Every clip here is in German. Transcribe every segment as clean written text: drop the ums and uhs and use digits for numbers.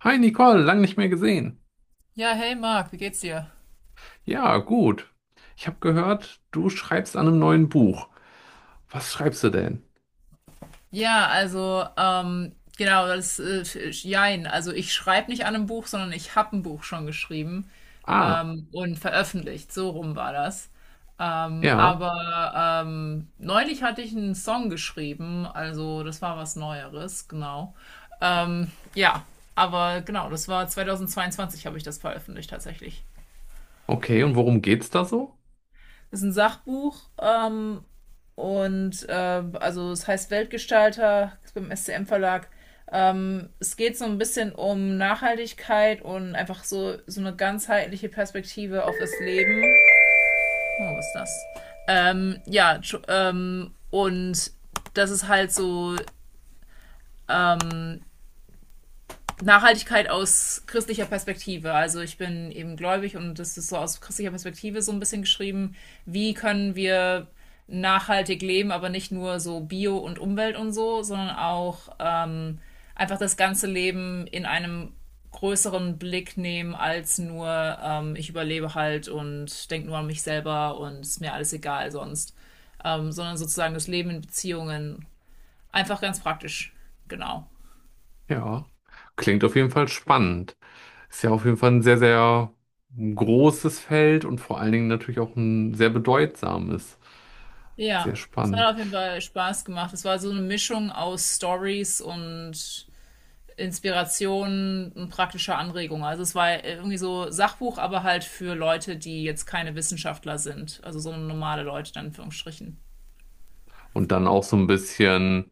Hi Nicole, lang nicht mehr gesehen. Ja, hey Marc, wie geht's dir? Ja, gut. Ich habe gehört, du schreibst an einem neuen Buch. Was schreibst du denn? Ja, also genau, das jein. Also ich schreibe nicht an einem Buch, sondern ich habe ein Buch schon geschrieben Ah, und veröffentlicht. So rum war das. Ja, Neulich hatte ich einen Song geschrieben, also das war was Neueres, genau. Ähm, ja, aber genau, das war 2022 habe ich das veröffentlicht tatsächlich. okay. Und worum geht's da so? Ist ein Sachbuch und äh, also es heißt Weltgestalter, ist beim SCM Verlag. Es geht so ein bisschen um Nachhaltigkeit und einfach so, so eine ganzheitliche Perspektive auf das Leben. Oh, was ist das? Ähm, ja, und das ist halt so, ähm, Nachhaltigkeit aus christlicher Perspektive. Also ich bin eben gläubig und das ist so aus christlicher Perspektive so ein bisschen geschrieben, wie können wir nachhaltig leben, aber nicht nur so Bio und Umwelt und so, sondern auch einfach das ganze Leben in einem größeren Blick nehmen als nur ich überlebe halt und denke nur an mich selber und ist mir alles egal sonst, sondern sozusagen das Leben in Beziehungen einfach ganz praktisch, genau. Ja, klingt auf jeden Fall spannend. Ist ja auf jeden Fall ein sehr, sehr großes Feld und vor allen Dingen natürlich auch ein sehr bedeutsames. Sehr Ja, es hat spannend. auf jeden Fall Spaß gemacht. Es war so eine Mischung aus Stories und Inspiration und praktischer Anregung. Also es war irgendwie so Sachbuch, aber halt für Leute, die jetzt keine Wissenschaftler sind. Also so normale Leute dann in Anführungsstrichen. Und dann auch so ein bisschen,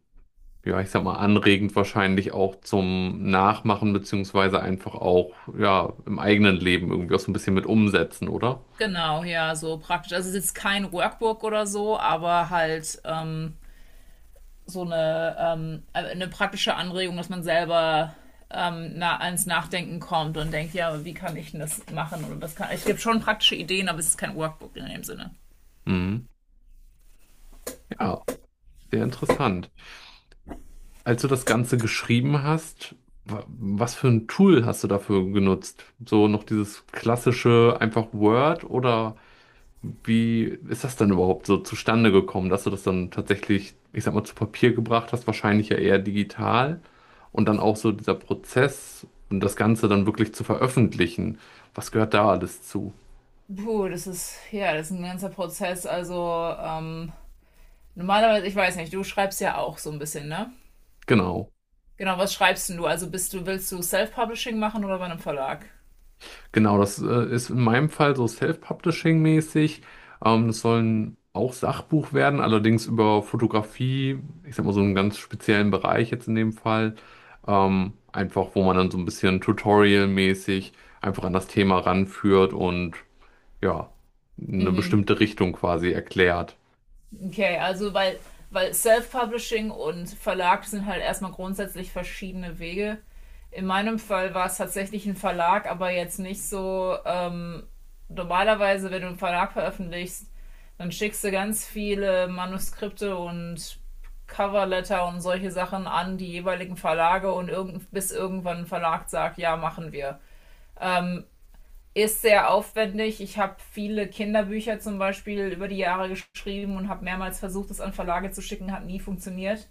ja, ich sag mal, anregend wahrscheinlich auch zum Nachmachen, beziehungsweise einfach auch, ja, im eigenen Leben irgendwie auch so ein bisschen mit umsetzen, oder? Genau, ja, so praktisch. Also es ist jetzt kein Workbook oder so, aber halt eine praktische Anregung, dass man selber, na, ans Nachdenken kommt und denkt, ja, wie kann ich denn das machen? Oder es gibt schon praktische Ideen, aber es ist kein Workbook in dem Sinne. Mhm. Ja, sehr interessant. Als du das Ganze geschrieben hast, was für ein Tool hast du dafür genutzt? So noch dieses klassische einfach Word oder wie ist das denn überhaupt so zustande gekommen, dass du das dann tatsächlich, ich sag mal, zu Papier gebracht hast, wahrscheinlich ja eher digital, und dann auch so dieser Prozess und das Ganze dann wirklich zu veröffentlichen? Was gehört da alles zu? Puh, das ist, ja, das ist ein ganzer Prozess. Also normalerweise, ich weiß nicht, du schreibst ja auch so ein bisschen, ne? Genau. Genau, was schreibst denn du? Also willst du Self-Publishing machen oder bei einem Verlag? Genau, das ist in meinem Fall so Self-Publishing-mäßig. Das soll ein auch Sachbuch werden, allerdings über Fotografie, ich sag mal so einen ganz speziellen Bereich jetzt in dem Fall. Einfach, wo man dann so ein bisschen Tutorial-mäßig einfach an das Thema ranführt und ja, eine bestimmte Richtung quasi erklärt. Okay, also weil Self-Publishing und Verlag sind halt erstmal grundsätzlich verschiedene Wege. In meinem Fall war es tatsächlich ein Verlag, aber jetzt nicht so. Normalerweise, wenn du einen Verlag veröffentlichst, dann schickst du ganz viele Manuskripte und Coverletter und solche Sachen an die jeweiligen Verlage und bis irgendwann ein Verlag sagt, ja, machen wir, ist sehr aufwendig. Ich habe viele Kinderbücher zum Beispiel über die Jahre geschrieben und habe mehrmals versucht, es an Verlage zu schicken, hat nie funktioniert.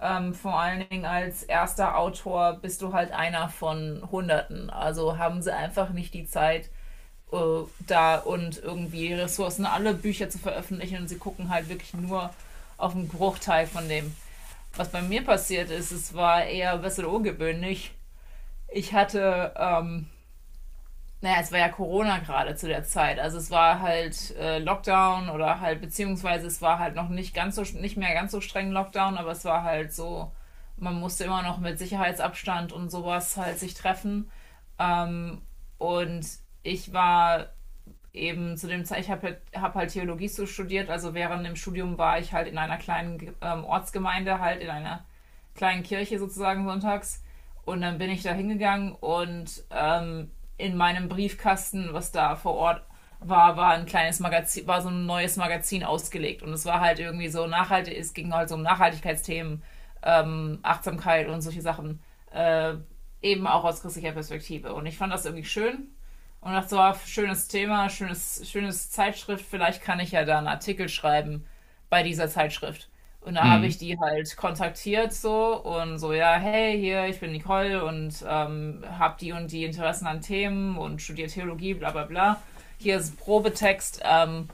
Vor allen Dingen als erster Autor bist du halt einer von Hunderten. Also haben sie einfach nicht die Zeit da und irgendwie Ressourcen, alle Bücher zu veröffentlichen. Und sie gucken halt wirklich nur auf einen Bruchteil von dem. Was bei mir passiert ist, es war eher ein bisschen ungewöhnlich. Ich hatte, naja, es war ja Corona gerade zu der Zeit. Also es war halt Lockdown oder halt, beziehungsweise es war halt noch nicht ganz so, nicht mehr ganz so streng Lockdown, aber es war halt so, man musste immer noch mit Sicherheitsabstand und sowas halt sich treffen. Und ich war eben zu dem Zeit, ich hab halt Theologie so studiert, also während dem Studium war ich halt in einer kleinen, Ortsgemeinde, halt in einer kleinen Kirche sozusagen sonntags. Und dann bin ich da hingegangen und in meinem Briefkasten, was da vor Ort war, war ein kleines Magazin, war so ein neues Magazin ausgelegt. Und es war halt irgendwie so nachhaltig, es ging halt so um Nachhaltigkeitsthemen, Achtsamkeit und solche Sachen, äh, eben auch aus christlicher Perspektive. Und ich fand das irgendwie schön und dachte so, ah, schönes Thema, schönes Zeitschrift, vielleicht kann ich ja da einen Artikel schreiben bei dieser Zeitschrift. Und da habe ich Mhm. die halt kontaktiert so und so, ja, hey, hier, ich bin Nicole und habe die und die Interessen an Themen und studiere Theologie, bla bla bla. Hier ist ein Probetext.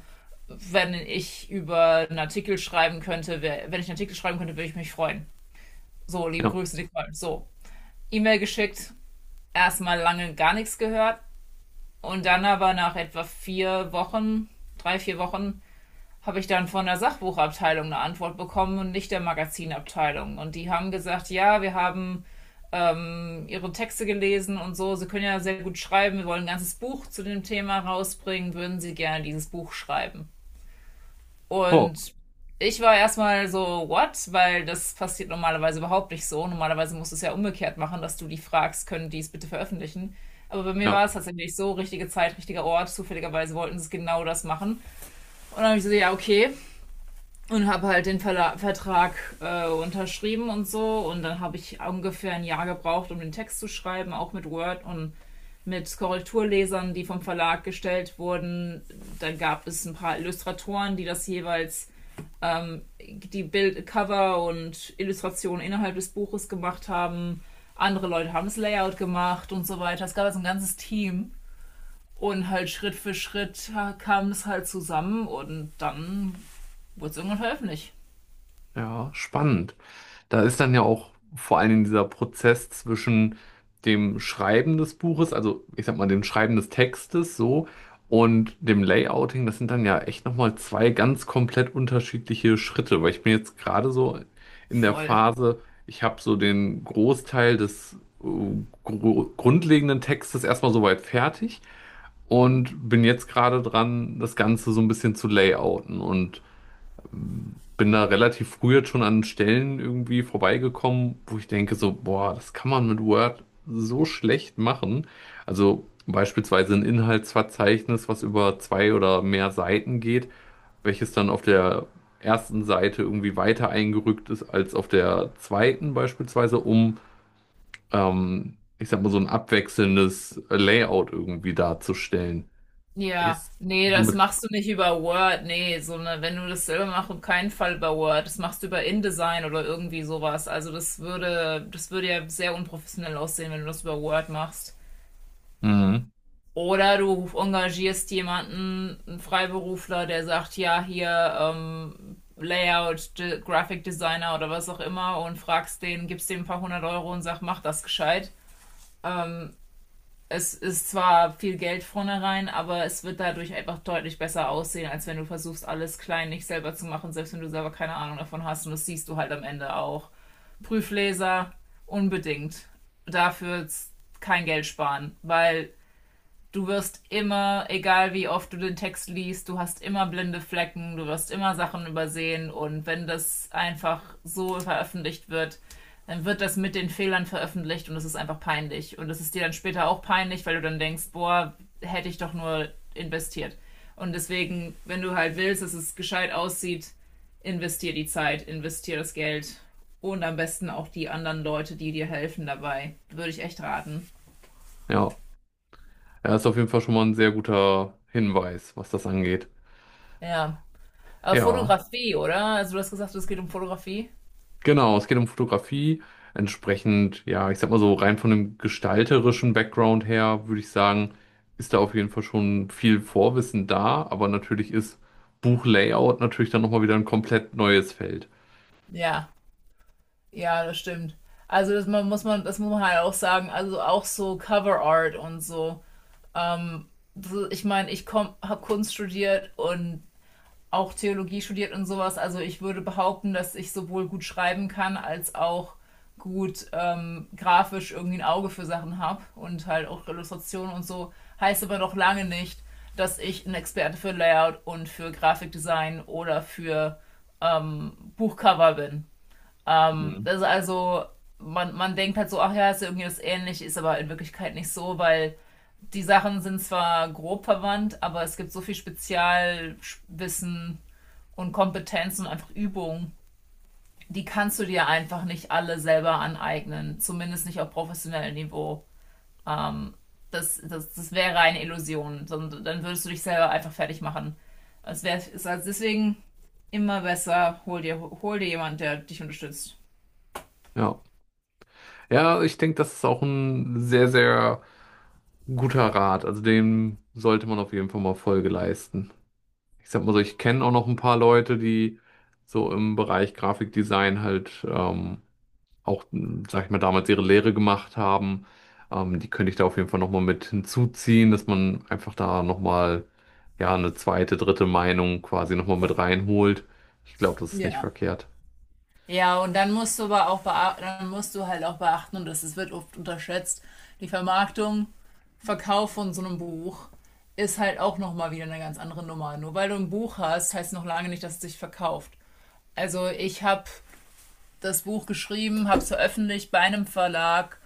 Wenn ich über einen Artikel schreiben könnte, wär, Wenn ich einen Artikel schreiben könnte, würde ich mich freuen. So, liebe Ja. Grüße, Nicole. So, E-Mail geschickt, erstmal lange gar nichts gehört. Und dann aber nach etwa 4 Wochen, 3, 4 Wochen, habe ich dann von der Sachbuchabteilung eine Antwort bekommen und nicht der Magazinabteilung. Und die haben gesagt, ja, wir haben, ihre Texte gelesen und so, sie können ja sehr gut schreiben, wir wollen ein ganzes Buch zu dem Thema rausbringen, würden sie gerne dieses Buch schreiben. Oh, Und ich war erstmal so, what? Weil das passiert normalerweise überhaupt nicht so. Normalerweise musst du es ja umgekehrt machen, dass du die fragst, können die es bitte veröffentlichen. Aber bei mir ja. war es tatsächlich so, richtige Zeit, richtiger Ort. Zufälligerweise wollten sie genau das machen. Und dann habe ich so, ja, okay. Und habe halt den Verla Vertrag unterschrieben und so. Und dann habe ich ungefähr ein Jahr gebraucht, um den Text zu schreiben, auch mit Word und mit Korrekturlesern, die vom Verlag gestellt wurden. Dann gab es ein paar Illustratoren, die das jeweils die Bild Cover und Illustrationen innerhalb des Buches gemacht haben. Andere Leute haben das Layout gemacht und so weiter. Es gab also ein ganzes Team. Und halt Schritt für Schritt kam es halt zusammen und dann wurde es irgendwann veröffentlicht. Ja, spannend. Da ist dann ja auch vor allen Dingen dieser Prozess zwischen dem Schreiben des Buches, also ich sag mal dem Schreiben des Textes so und dem Layouting. Das sind dann ja echt nochmal zwei ganz komplett unterschiedliche Schritte, weil ich bin jetzt gerade so in der Voll. Phase, ich habe so den Großteil des äh, grundlegenden Textes erstmal soweit fertig und bin jetzt gerade dran, das Ganze so ein bisschen zu layouten, und bin da relativ früh jetzt schon an Stellen irgendwie vorbeigekommen, wo ich denke so, boah, das kann man mit Word so schlecht machen. Also beispielsweise ein Inhaltsverzeichnis, was über zwei oder mehr Seiten geht, welches dann auf der ersten Seite irgendwie weiter eingerückt ist als auf der zweiten beispielsweise, um, ich sag mal, so ein abwechselndes Layout irgendwie darzustellen. Ja, Ist nee, das somit. machst du nicht über Word. Nee, wenn du das selber machst, auf keinen Fall über Word. Das machst du über InDesign oder irgendwie sowas. Also das würde ja sehr unprofessionell aussehen, wenn du das über Word machst. Mhm. Oder du engagierst jemanden, einen Freiberufler, der sagt, ja, hier, Layout, De Graphic Designer oder was auch immer, und fragst den, gibst dem ein paar hundert Euro und sag, mach das gescheit. Es ist zwar viel Geld vornherein, aber es wird dadurch einfach deutlich besser aussehen, als wenn du versuchst, alles klein nicht selber zu machen, selbst wenn du selber keine Ahnung davon hast. Und das siehst du halt am Ende auch. Prüfleser, unbedingt. Dafür kein Geld sparen, weil du wirst immer, egal wie oft du den Text liest, du hast immer blinde Flecken, du wirst immer Sachen übersehen, und wenn das einfach so veröffentlicht wird, dann wird das mit den Fehlern veröffentlicht und es ist einfach peinlich. Und es ist dir dann später auch peinlich, weil du dann denkst, boah, hätte ich doch nur investiert. Und deswegen, wenn du halt willst, dass es gescheit aussieht, investier die Zeit, investier das Geld und am besten auch die anderen Leute, die dir helfen dabei. Würde ich echt raten. Ja. Ja, ist auf jeden Fall schon mal ein sehr guter Hinweis, was das angeht. Ja, aber Ja, Fotografie, oder? Also du hast gesagt, es geht um Fotografie. genau, es geht um Fotografie. Entsprechend, ja, ich sag mal so, rein von dem gestalterischen Background her, würde ich sagen, ist da auf jeden Fall schon viel Vorwissen da, aber natürlich ist Buchlayout natürlich dann nochmal wieder ein komplett neues Feld. Ja, ja, das stimmt. Also das muss man halt auch sagen. Also auch so Cover Art und so. So, ich meine, ich habe Kunst studiert und auch Theologie studiert und sowas. Also ich würde behaupten, dass ich sowohl gut schreiben kann als auch gut, grafisch irgendwie ein Auge für Sachen habe und halt auch Illustrationen und so. Heißt aber noch lange nicht, dass ich ein Experte für Layout und für Grafikdesign oder für Buchcover bin. Mhm. Das ist also, man denkt halt so, ach ja, ist ja irgendwie das ähnlich, ist aber in Wirklichkeit nicht so, weil die Sachen sind zwar grob verwandt, aber es gibt so viel Spezialwissen und Kompetenzen und einfach Übungen. Die kannst du dir einfach nicht alle selber aneignen, zumindest nicht auf professionellem Niveau. Ähm, das wäre eine Illusion, sondern dann würdest du dich selber einfach fertig machen. Es wäre also deswegen immer besser, hol dir jemand, der dich unterstützt. Ja. Ja, ich denke, das ist auch ein sehr, sehr guter Rat. Also dem sollte man auf jeden Fall mal Folge leisten. Ich sag mal so, ich kenne auch noch ein paar Leute, die so im Bereich Grafikdesign halt auch, m, sag ich mal, damals ihre Lehre gemacht haben. Die könnte ich da auf jeden Fall nochmal mit hinzuziehen, dass man einfach da nochmal, ja, eine zweite, dritte Meinung quasi nochmal mit reinholt. Ich glaube, das ist nicht Ja. verkehrt. Ja, und dann musst du aber auch bea- dann musst du halt auch beachten, und wird oft unterschätzt, die Vermarktung, Verkauf von so einem Buch ist halt auch nochmal wieder eine ganz andere Nummer. Nur weil du ein Buch hast, heißt noch lange nicht, dass es sich verkauft. Also ich habe das Buch geschrieben, habe es veröffentlicht bei einem Verlag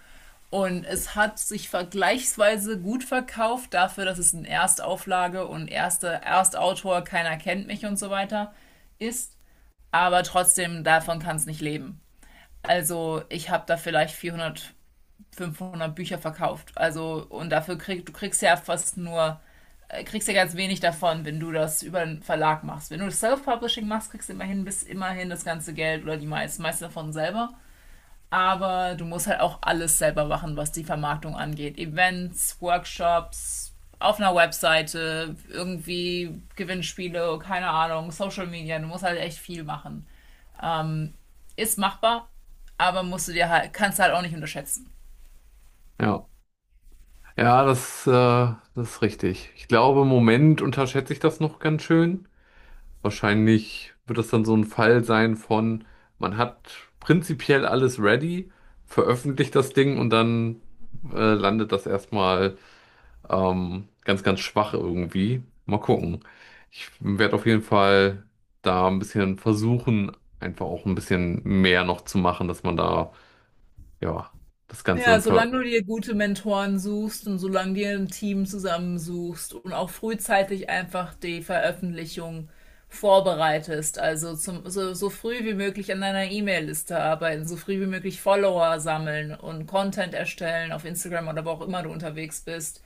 und es hat sich vergleichsweise gut verkauft dafür, dass es eine Erstauflage und erste Erstautor, keiner kennt mich und so weiter, ist. Aber trotzdem, davon kann es nicht leben. Also ich habe da vielleicht 400, 500 Bücher verkauft. Also und dafür kriegst ja fast nur, kriegst ja ganz wenig davon, wenn du das über einen Verlag machst. Wenn du das Self-Publishing machst, kriegst du immerhin, bis immerhin das ganze Geld oder meiste davon selber. Aber du musst halt auch alles selber machen, was die Vermarktung angeht. Events, Workshops, auf einer Webseite, irgendwie Gewinnspiele, keine Ahnung, Social Media. Du musst halt echt viel machen, ist machbar, aber musst du dir halt, kannst du halt auch nicht unterschätzen. Ja, ja, das, das ist richtig. Ich glaube, im Moment unterschätze ich das noch ganz schön. Wahrscheinlich wird das dann so ein Fall sein von, man hat prinzipiell alles ready, veröffentlicht das Ding und dann landet das erstmal ganz, ganz schwach irgendwie. Mal gucken. Ich werde auf jeden Fall da ein bisschen versuchen, einfach auch ein bisschen mehr noch zu machen, dass man da, ja, das Ganze Ja, dann ver... solange du dir gute Mentoren suchst und solange dir ein Team zusammensuchst und auch frühzeitig einfach die Veröffentlichung vorbereitest, also so früh wie möglich an deiner E-Mail-Liste arbeiten, so früh wie möglich Follower sammeln und Content erstellen auf Instagram oder wo auch immer du unterwegs bist,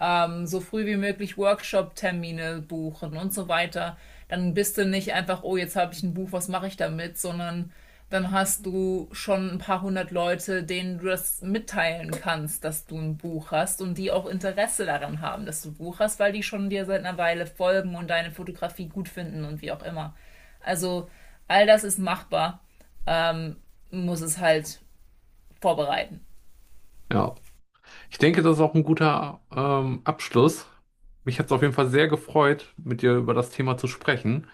so früh wie möglich Workshop-Termine buchen und so weiter. Dann bist du nicht einfach, oh, jetzt habe ich ein Buch, was mache ich damit, sondern dann hast du schon ein paar hundert Leute, denen du das mitteilen kannst, dass du ein Buch hast und die auch Interesse daran haben, dass du ein Buch hast, weil die schon dir seit einer Weile folgen und deine Fotografie gut finden und wie auch immer. Also all das ist machbar, ähm, muss es halt vorbereiten. Ja, ich denke, das ist auch ein guter Abschluss. Mich hat es auf jeden Fall sehr gefreut, mit dir über das Thema zu sprechen.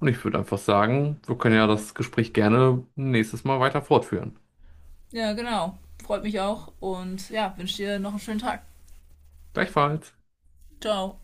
Und ich würde einfach sagen, wir können ja das Gespräch gerne nächstes Mal weiter fortführen. Ja, genau. Freut mich auch und ja, wünsche dir noch einen schönen Tag. Gleichfalls. Ciao.